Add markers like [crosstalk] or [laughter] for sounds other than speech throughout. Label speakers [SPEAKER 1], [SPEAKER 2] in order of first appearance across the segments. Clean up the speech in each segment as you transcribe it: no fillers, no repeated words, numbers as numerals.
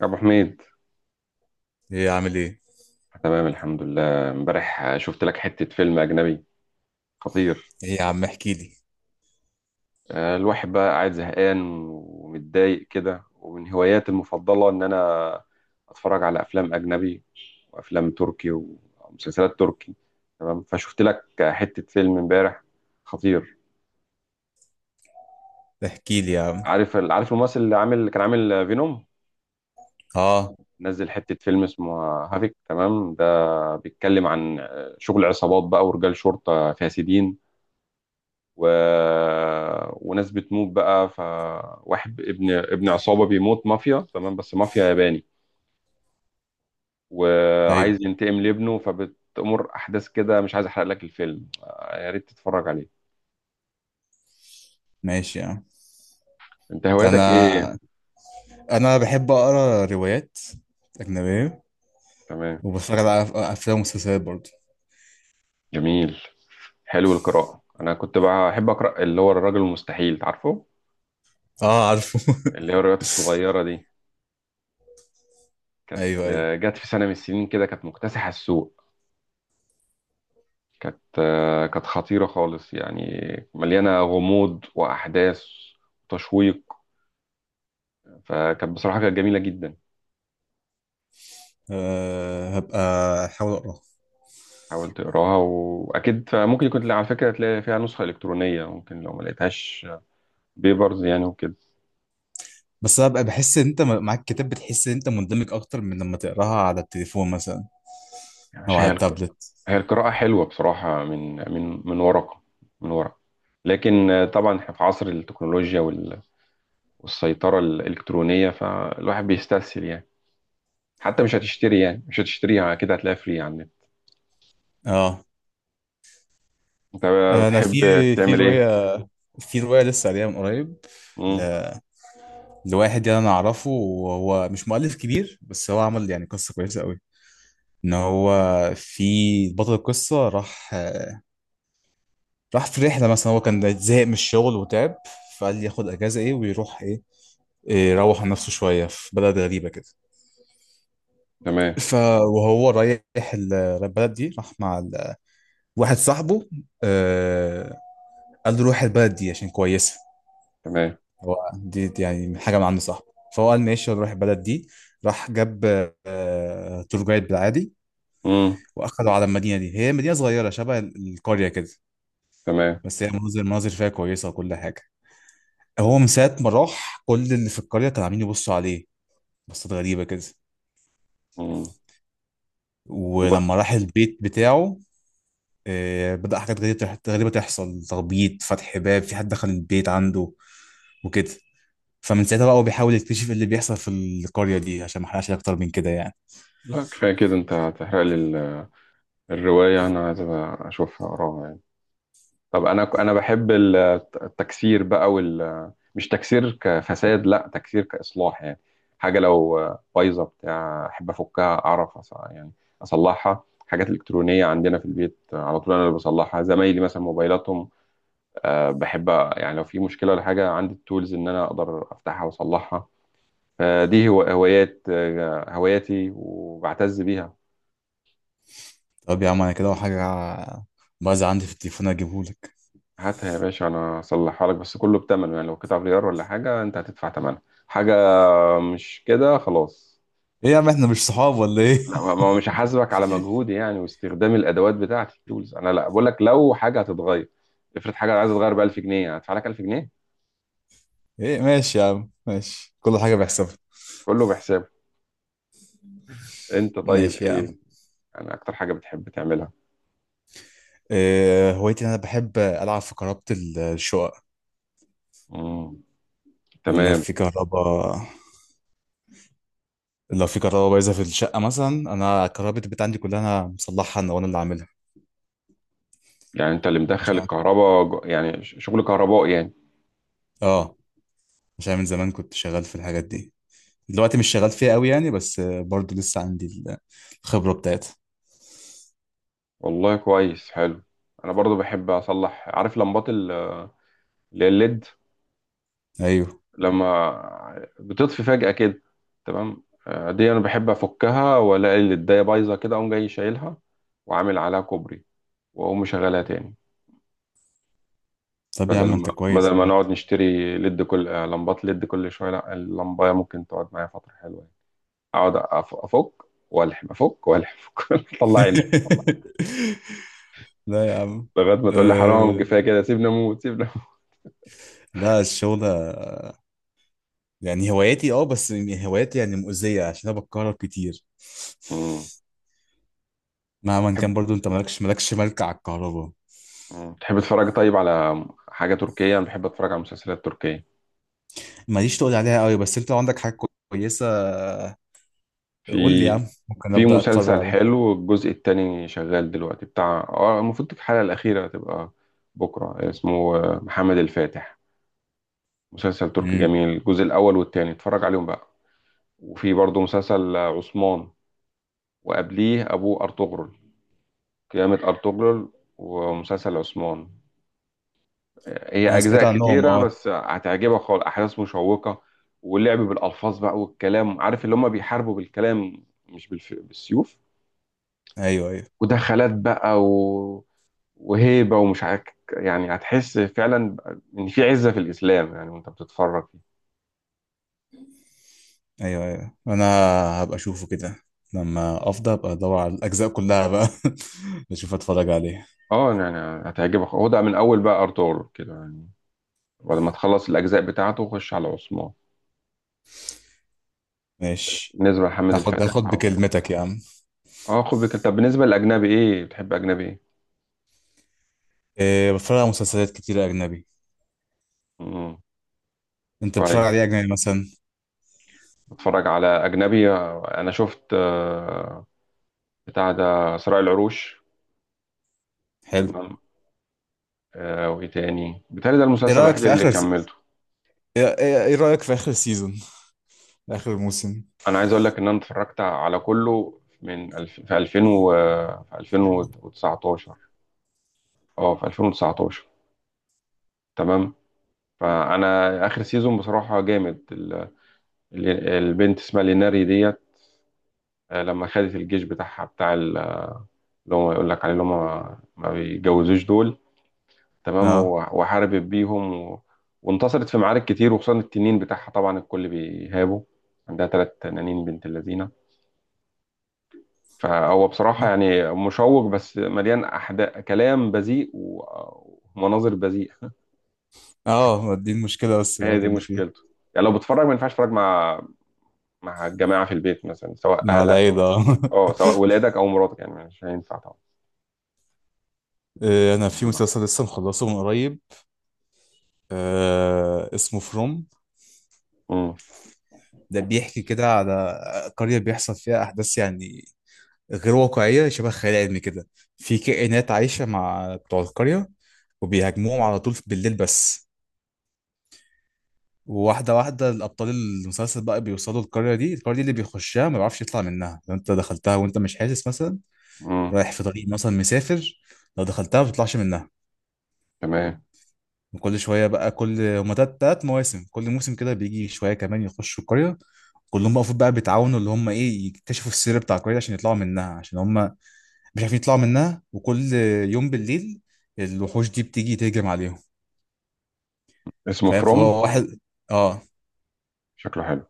[SPEAKER 1] يا ابو حميد،
[SPEAKER 2] ايه عامل ايه؟
[SPEAKER 1] تمام الحمد لله. امبارح شفت لك حتة فيلم اجنبي خطير.
[SPEAKER 2] ايه يا عم احكي لي.
[SPEAKER 1] الواحد بقى قاعد زهقان ومتضايق كده، ومن هواياتي المفضلة ان انا اتفرج على افلام اجنبي وافلام تركي ومسلسلات تركي. تمام، فشفت لك حتة فيلم امبارح خطير.
[SPEAKER 2] احكي لي يا عم.
[SPEAKER 1] عارف الممثل اللي كان عامل فينوم،
[SPEAKER 2] اه،
[SPEAKER 1] نزل حتة فيلم اسمه هافيك. تمام، ده بيتكلم عن شغل عصابات بقى ورجال شرطة فاسدين و... وناس بتموت بقى، فواحد ابن عصابة بيموت، مافيا. تمام بس مافيا ياباني،
[SPEAKER 2] طيب
[SPEAKER 1] وعايز ينتقم لابنه فبتأمر أحداث كده. مش عايز أحرق لك الفيلم، يا ريت تتفرج عليه.
[SPEAKER 2] ماشي يا عم.
[SPEAKER 1] أنت هواياتك إيه؟
[SPEAKER 2] انا بحب اقرا روايات اجنبيه.
[SPEAKER 1] تمام.
[SPEAKER 2] وبتفرج على افلام ومسلسلات برضه.
[SPEAKER 1] جميل. حلو القراءة. أنا كنت بقى أحب أقرأ اللي هو الراجل المستحيل، تعرفه؟
[SPEAKER 2] اه عارفه. [laughs]
[SPEAKER 1] اللي هي الروايات الصغيرة دي، كانت،
[SPEAKER 2] ايوه ايوه.
[SPEAKER 1] جت في سنة من السنين كده كانت مكتسحة السوق. كانت خطيرة خالص يعني، مليانة غموض وأحداث وتشويق. فكانت بصراحة كانت جميلة جدا.
[SPEAKER 2] أه هبقى احاول اقراها.
[SPEAKER 1] حاول تقراها وأكيد، فممكن يكون على فكرة تلاقي فيها نسخة إلكترونية ممكن، لو ما لقيتهاش بيبرز يعني وكده.
[SPEAKER 2] بس هبقى بحس ان انت معاك كتاب بتحس ان انت مندمج اكتر من لما تقراها على التليفون مثلا،
[SPEAKER 1] يعني
[SPEAKER 2] او
[SPEAKER 1] مش
[SPEAKER 2] على
[SPEAKER 1] هي الق...
[SPEAKER 2] التابلت.
[SPEAKER 1] هي القراءة حلوة بصراحة، من ورقة، من ورقة. لكن، طبعا احنا في عصر التكنولوجيا والسيطرة الإلكترونية، فالواحد بيستسهل يعني. حتى مش هتشتريها كده، هتلاقيها فري على النت.
[SPEAKER 2] اه
[SPEAKER 1] انت
[SPEAKER 2] انا
[SPEAKER 1] بتحب
[SPEAKER 2] في
[SPEAKER 1] تعمل ايه؟
[SPEAKER 2] روايه، لسه قاريها من قريب
[SPEAKER 1] امم.
[SPEAKER 2] لواحد، يعني انا اعرفه وهو مش مؤلف كبير، بس هو عمل يعني قصه كويسه قوي. ان هو في بطل القصه راح في رحله مثلا. هو كان زهق من الشغل وتعب، فقال لي ياخد اجازه ايه ويروح ايه. يروح عن نفسه شويه في بلد غريبه كده.
[SPEAKER 1] تمام.
[SPEAKER 2] ف وهو رايح البلد دي، راح مع واحد صاحبه. آه، قال له روح البلد دي عشان كويسه.
[SPEAKER 1] تمام.
[SPEAKER 2] هو دي يعني من حاجه، من عند صاحبه. فهو قال ماشي نروح البلد دي. راح جاب تور جايد بالعادي.
[SPEAKER 1] امم.
[SPEAKER 2] واخدوا على المدينه دي، هي مدينه صغيره شبه القريه كده.
[SPEAKER 1] تمام.
[SPEAKER 2] بس هي المناظر فيها كويسه وكل حاجه. هو من ساعه ما راح كل اللي في القريه كانوا عاملين يبصوا عليه بصات غريبه كده.
[SPEAKER 1] امم. والله.
[SPEAKER 2] ولما راح البيت بتاعه، بدأ حاجات غريبة تحصل، تخبيط، فتح باب، في حد دخل البيت عنده وكده. فمن ساعتها بقى هو بيحاول يكتشف إيه اللي بيحصل في القرية دي. عشان ما احرقش أكتر من كده يعني.
[SPEAKER 1] لا كفايه كده، انت هتحرق لي الروايه، انا عايز أبقى اشوفها، اقراها يعني. طب، انا بحب التكسير بقى، مش تكسير كفساد، لا تكسير كاصلاح يعني. حاجه لو بايظه بتاع احب افكها، اعرف اصلحها. حاجات الكترونيه عندنا في البيت على طول انا اللي بصلحها، زمايلي مثلا موبايلاتهم. بحب يعني، لو في مشكلة ولا حاجة عندي التولز إن أنا أقدر أفتحها وأصلحها. فدي هو هواياتي وبعتز بيها.
[SPEAKER 2] طب يا عم أنا كده وحاجة بايظة عندي في التليفون أجيبهولك.
[SPEAKER 1] هاتها يا باشا، أنا أصلحها لك، بس كله بتمنه يعني. لو قطع غيار ولا حاجة أنت هتدفع تمنها. حاجة، مش كده خلاص.
[SPEAKER 2] إيه يا عم إحنا مش صحاب ولا إيه؟ [laughs]
[SPEAKER 1] لا مش هحاسبك على مجهودي يعني واستخدام الأدوات بتاعتي التولز. أنا لا بقول لك لو حاجة هتتغير، افرض حاجة عايزة تتغير ب 1000 جنيه، هدفع لك 1000 جنيه.
[SPEAKER 2] ايه ماشي يا عم، ماشي. كل حاجة بحسبها.
[SPEAKER 1] كله بحسابه. أنت طيب
[SPEAKER 2] ماشي يا عم.
[SPEAKER 1] إيه أنا أكتر حاجة بتحب تعملها؟
[SPEAKER 2] إيه هوايتي إن انا بحب العب في كهربة الشقق.
[SPEAKER 1] مم.
[SPEAKER 2] انا
[SPEAKER 1] تمام.
[SPEAKER 2] في كهرباء لو في كهرباء بايظة في الشقة مثلا، انا كهرباء البيت عندي كلها انا مصلحها، انا اللي عاملها.
[SPEAKER 1] يعني انت اللي مدخل
[SPEAKER 2] عشان،
[SPEAKER 1] الكهرباء، شغل كهرباء يعني؟
[SPEAKER 2] اه، عشان من زمان كنت شغال في الحاجات دي. دلوقتي مش شغال فيها قوي يعني، بس برضو لسه عندي الخبرة بتاعتها.
[SPEAKER 1] والله كويس، حلو. انا برضو بحب اصلح، عارف لمبات اللي هي الليد،
[SPEAKER 2] ايوه،
[SPEAKER 1] لما بتطفي فجأة كده. تمام، دي انا بحب افكها، والاقي الليدايه بايظه كده اقوم جاي شايلها، وعامل عليها كوبري، واقوم مشغلها تاني.
[SPEAKER 2] طب يا
[SPEAKER 1] بدل
[SPEAKER 2] عم
[SPEAKER 1] ما
[SPEAKER 2] انت
[SPEAKER 1] بدل
[SPEAKER 2] كويس.
[SPEAKER 1] ما
[SPEAKER 2] لا
[SPEAKER 1] نقعد نشتري ليد، كل آه، لمبات ليد كل شويه، لا اللمبايه ممكن تقعد معايا فتره حلوه يعني. اقعد افك والحم، افك والحم [laughs] اطلع،
[SPEAKER 2] [laughs] لا يا عم.
[SPEAKER 1] لغاية ما تقول لي حرام
[SPEAKER 2] أه
[SPEAKER 1] كفاية كده، سيبنا أموت، سيبنا أموت.
[SPEAKER 2] لا الشغل يعني هواياتي، اه بس هواياتي يعني مؤذية عشان انا بتكهرب كتير.
[SPEAKER 1] مم.
[SPEAKER 2] مهما
[SPEAKER 1] تحب.
[SPEAKER 2] كان برضو انت مالكش ملك على الكهرباء.
[SPEAKER 1] مم. تحب تتفرج طيب على حاجة تركية؟ أنا بحب أتفرج على مسلسلات تركية.
[SPEAKER 2] ماليش تقول عليها قوي، بس انت لو عندك حاجة كويسة
[SPEAKER 1] في
[SPEAKER 2] قول لي يا عم ممكن
[SPEAKER 1] في
[SPEAKER 2] ابدأ اتفرج
[SPEAKER 1] مسلسل
[SPEAKER 2] عليها.
[SPEAKER 1] حلو، الجزء التاني شغال دلوقتي بتاع، المفروض الحلقة الأخيرة تبقى بكرة، اسمه محمد الفاتح. مسلسل تركي
[SPEAKER 2] امم،
[SPEAKER 1] جميل، الجزء الأول والتاني اتفرج عليهم بقى. وفي برضه مسلسل عثمان، وقبليه أبوه أرطغرل، قيامة أرطغرل، ومسلسل عثمان. هي
[SPEAKER 2] انا سمعت
[SPEAKER 1] اجزاء
[SPEAKER 2] عنهم
[SPEAKER 1] كتيره
[SPEAKER 2] اه.
[SPEAKER 1] بس هتعجبك خالص، احداث مشوقه. واللعب بالالفاظ بقى والكلام، عارف اللي هم بيحاربوا بالكلام مش بالسيوف،
[SPEAKER 2] ايوه ايوه.
[SPEAKER 1] ودخلات بقى وهيبه ومش عارف، يعني هتحس فعلا ان في عزه في الاسلام يعني وانت بتتفرج فيه.
[SPEAKER 2] ايوه ايوه. انا هبقى اشوفه كده لما افضى ابقى ادور على الاجزاء كلها بقى. [laughs] اشوف اتفرج عليها.
[SPEAKER 1] اه يعني هتعجبك. هو ده من اول بقى ارطغرل كده يعني، ولما تخلص الاجزاء بتاعته خش على عثمان.
[SPEAKER 2] ماشي،
[SPEAKER 1] بالنسبه لحمد الفتح
[SPEAKER 2] هاخد بكلمتك يا عم.
[SPEAKER 1] اه، خد بالك. طب بالنسبه للاجنبي ايه، بتحب اجنبي ايه؟
[SPEAKER 2] إيه بتفرج على مسلسلات كتير اجنبي.
[SPEAKER 1] امم.
[SPEAKER 2] انت بتتفرج
[SPEAKER 1] كويس.
[SPEAKER 2] على ايه اجنبي مثلا؟
[SPEAKER 1] بتفرج على أجنبي. أنا شفت، بتاع ده صراع العروش.
[SPEAKER 2] حلو.
[SPEAKER 1] تمام. وإيه تاني؟ بتهيألي ده
[SPEAKER 2] ايه
[SPEAKER 1] المسلسل
[SPEAKER 2] رايك
[SPEAKER 1] الوحيد
[SPEAKER 2] في
[SPEAKER 1] اللي
[SPEAKER 2] اخر
[SPEAKER 1] كملته.
[SPEAKER 2] إيه رأيك في آخر سيزون، آخر موسم.
[SPEAKER 1] أنا عايز أقول لك إن أنا اتفرجت على كله في 2000 في 2019، في 2019، تمام. فأنا آخر سيزون بصراحة جامد. البنت اسمها ليناري ديت، لما خدت الجيش بتاعها بتاع اللي هم يقول لك عليه، اللي هم ما بيتجوزوش دول، تمام.
[SPEAKER 2] اه.
[SPEAKER 1] وحاربت بيهم وانتصرت في معارك كتير، وخصوصا التنين بتاعها طبعا الكل بيهابه، عندها 3 تنانين، بنت اللذينة. فهو بصراحة يعني مشوق، بس مليان أحداث، كلام بذيء ومناظر بذيئة [laughs]
[SPEAKER 2] اه دي المشكلة بس
[SPEAKER 1] هي
[SPEAKER 2] الوحيدة
[SPEAKER 1] دي
[SPEAKER 2] اللي فيه.
[SPEAKER 1] مشكلته، يعني لو بتتفرج ما ينفعش تتفرج مع الجماعة في البيت مثلا، سواء
[SPEAKER 2] مع
[SPEAKER 1] أهلك،
[SPEAKER 2] العيلة. [laughs]
[SPEAKER 1] أه سواء ولادك أو مراتك، يعني مش هينفع طبعا.
[SPEAKER 2] انا في
[SPEAKER 1] آه.
[SPEAKER 2] مسلسل لسه مخلصه من قريب. آه اسمه فروم.
[SPEAKER 1] امم.
[SPEAKER 2] ده بيحكي كده على قرية بيحصل فيها احداث يعني غير واقعية، شبه خيال علمي كده. في كائنات عايشة مع بتوع القرية، وبيهاجموهم على طول بالليل بس. وواحدة الأبطال المسلسل بقى بيوصلوا القرية دي. القرية دي اللي بيخشها ما بيعرفش يطلع منها. لو أنت دخلتها وأنت مش حاسس مثلا
[SPEAKER 1] امم.
[SPEAKER 2] رايح في طريق مثلا مسافر، لو دخلتها ما بتطلعش منها.
[SPEAKER 1] تمام.
[SPEAKER 2] وكل شويه بقى، كل تلات مواسم، كل موسم كده بيجي شويه كمان يخشوا القريه. كلهم بقى المفروض بقى بيتعاونوا اللي هم ايه يكتشفوا السر بتاع القريه عشان يطلعوا منها، عشان هم مش عارفين يطلعوا منها. وكل يوم بالليل الوحوش دي بتيجي تهجم عليهم.
[SPEAKER 1] اسمه
[SPEAKER 2] فاهم،
[SPEAKER 1] فروم،
[SPEAKER 2] فهو واحد، اه،
[SPEAKER 1] شكله حلو.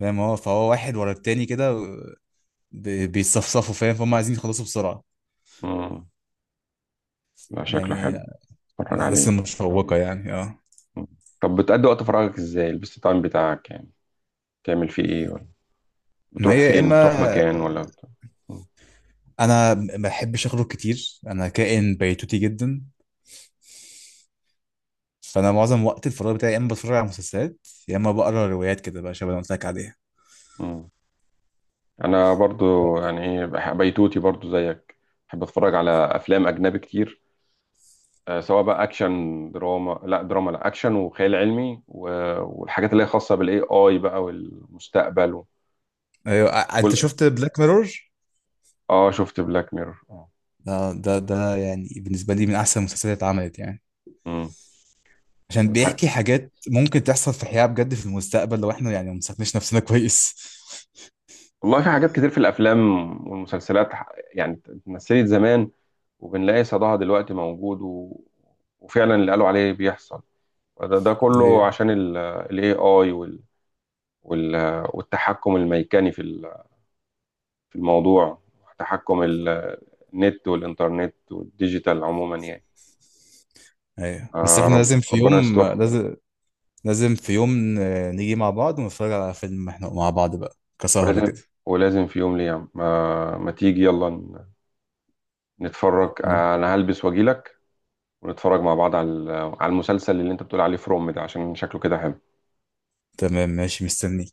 [SPEAKER 2] فاهم، فهو واحد ورا التاني كده، بيتصفصفوا. فاهم فهم عايزين يخلصوا بسرعه
[SPEAKER 1] امم. لا شكله
[SPEAKER 2] يعني،
[SPEAKER 1] حلو،
[SPEAKER 2] من
[SPEAKER 1] اتفرج
[SPEAKER 2] الاحداث
[SPEAKER 1] عليه.
[SPEAKER 2] المشوقه يعني اه.
[SPEAKER 1] طب بتقضي وقت فراغك ازاي؟ البيست تايم بتاعك يعني بتعمل فيه ايه؟ ولا
[SPEAKER 2] ما
[SPEAKER 1] بتروح
[SPEAKER 2] هي يا
[SPEAKER 1] فين،
[SPEAKER 2] اما،
[SPEAKER 1] بتروح مكان ولا م.
[SPEAKER 2] انا ما بحبش اخرج كتير، انا كائن بيتوتي جدا. فانا معظم وقت الفراغ بتاعي يا اما بتفرج على مسلسلات يا اما بقرا روايات كده بقى، شبه اللي قلت لك عليها.
[SPEAKER 1] م. انا برضو يعني ايه بيتوتي برضو زيك، بحب اتفرج على افلام اجنبي كتير، سواء بقى اكشن، دراما، لا دراما لا اكشن وخيال علمي والحاجات اللي هي خاصه بالاي اي بقى والمستقبل
[SPEAKER 2] ايوه، انت
[SPEAKER 1] وال...
[SPEAKER 2] شفت بلاك ميرور؟
[SPEAKER 1] اه. شفت بلاك ميرور، اه.
[SPEAKER 2] ده ده يعني بالنسبه لي من احسن المسلسلات اللي اتعملت يعني.
[SPEAKER 1] م.
[SPEAKER 2] عشان بيحكي
[SPEAKER 1] والحاجة،
[SPEAKER 2] حاجات ممكن تحصل في حياه بجد في المستقبل لو احنا يعني ما مسكناش نفسنا كويس.
[SPEAKER 1] والله في حاجات كتير في الافلام والمسلسلات، يعني اتمثلت زمان، وبنلاقي صداها دلوقتي موجود وفعلا اللي قالوا عليه بيحصل. ده
[SPEAKER 2] [laughs]
[SPEAKER 1] كله
[SPEAKER 2] ايوه
[SPEAKER 1] عشان الاي اي وال... والتحكم الميكاني في في الموضوع، تحكم النت والانترنت والديجيتال عموما يعني.
[SPEAKER 2] ايوه، بس احنا لازم في
[SPEAKER 1] ربنا
[SPEAKER 2] يوم،
[SPEAKER 1] يسترها.
[SPEAKER 2] لازم في يوم نيجي مع بعض ونتفرج على فيلم احنا مع بعض بقى كسهرة
[SPEAKER 1] ولازم
[SPEAKER 2] كده.
[SPEAKER 1] ولازم في يوم ليا، ما تيجي يلا نتفرج، انا هلبس واجيلك، ونتفرج مع بعض على على المسلسل اللي انت بتقول عليه فروم ده عشان شكله كده حلو.
[SPEAKER 2] تمام ماشي، مستني.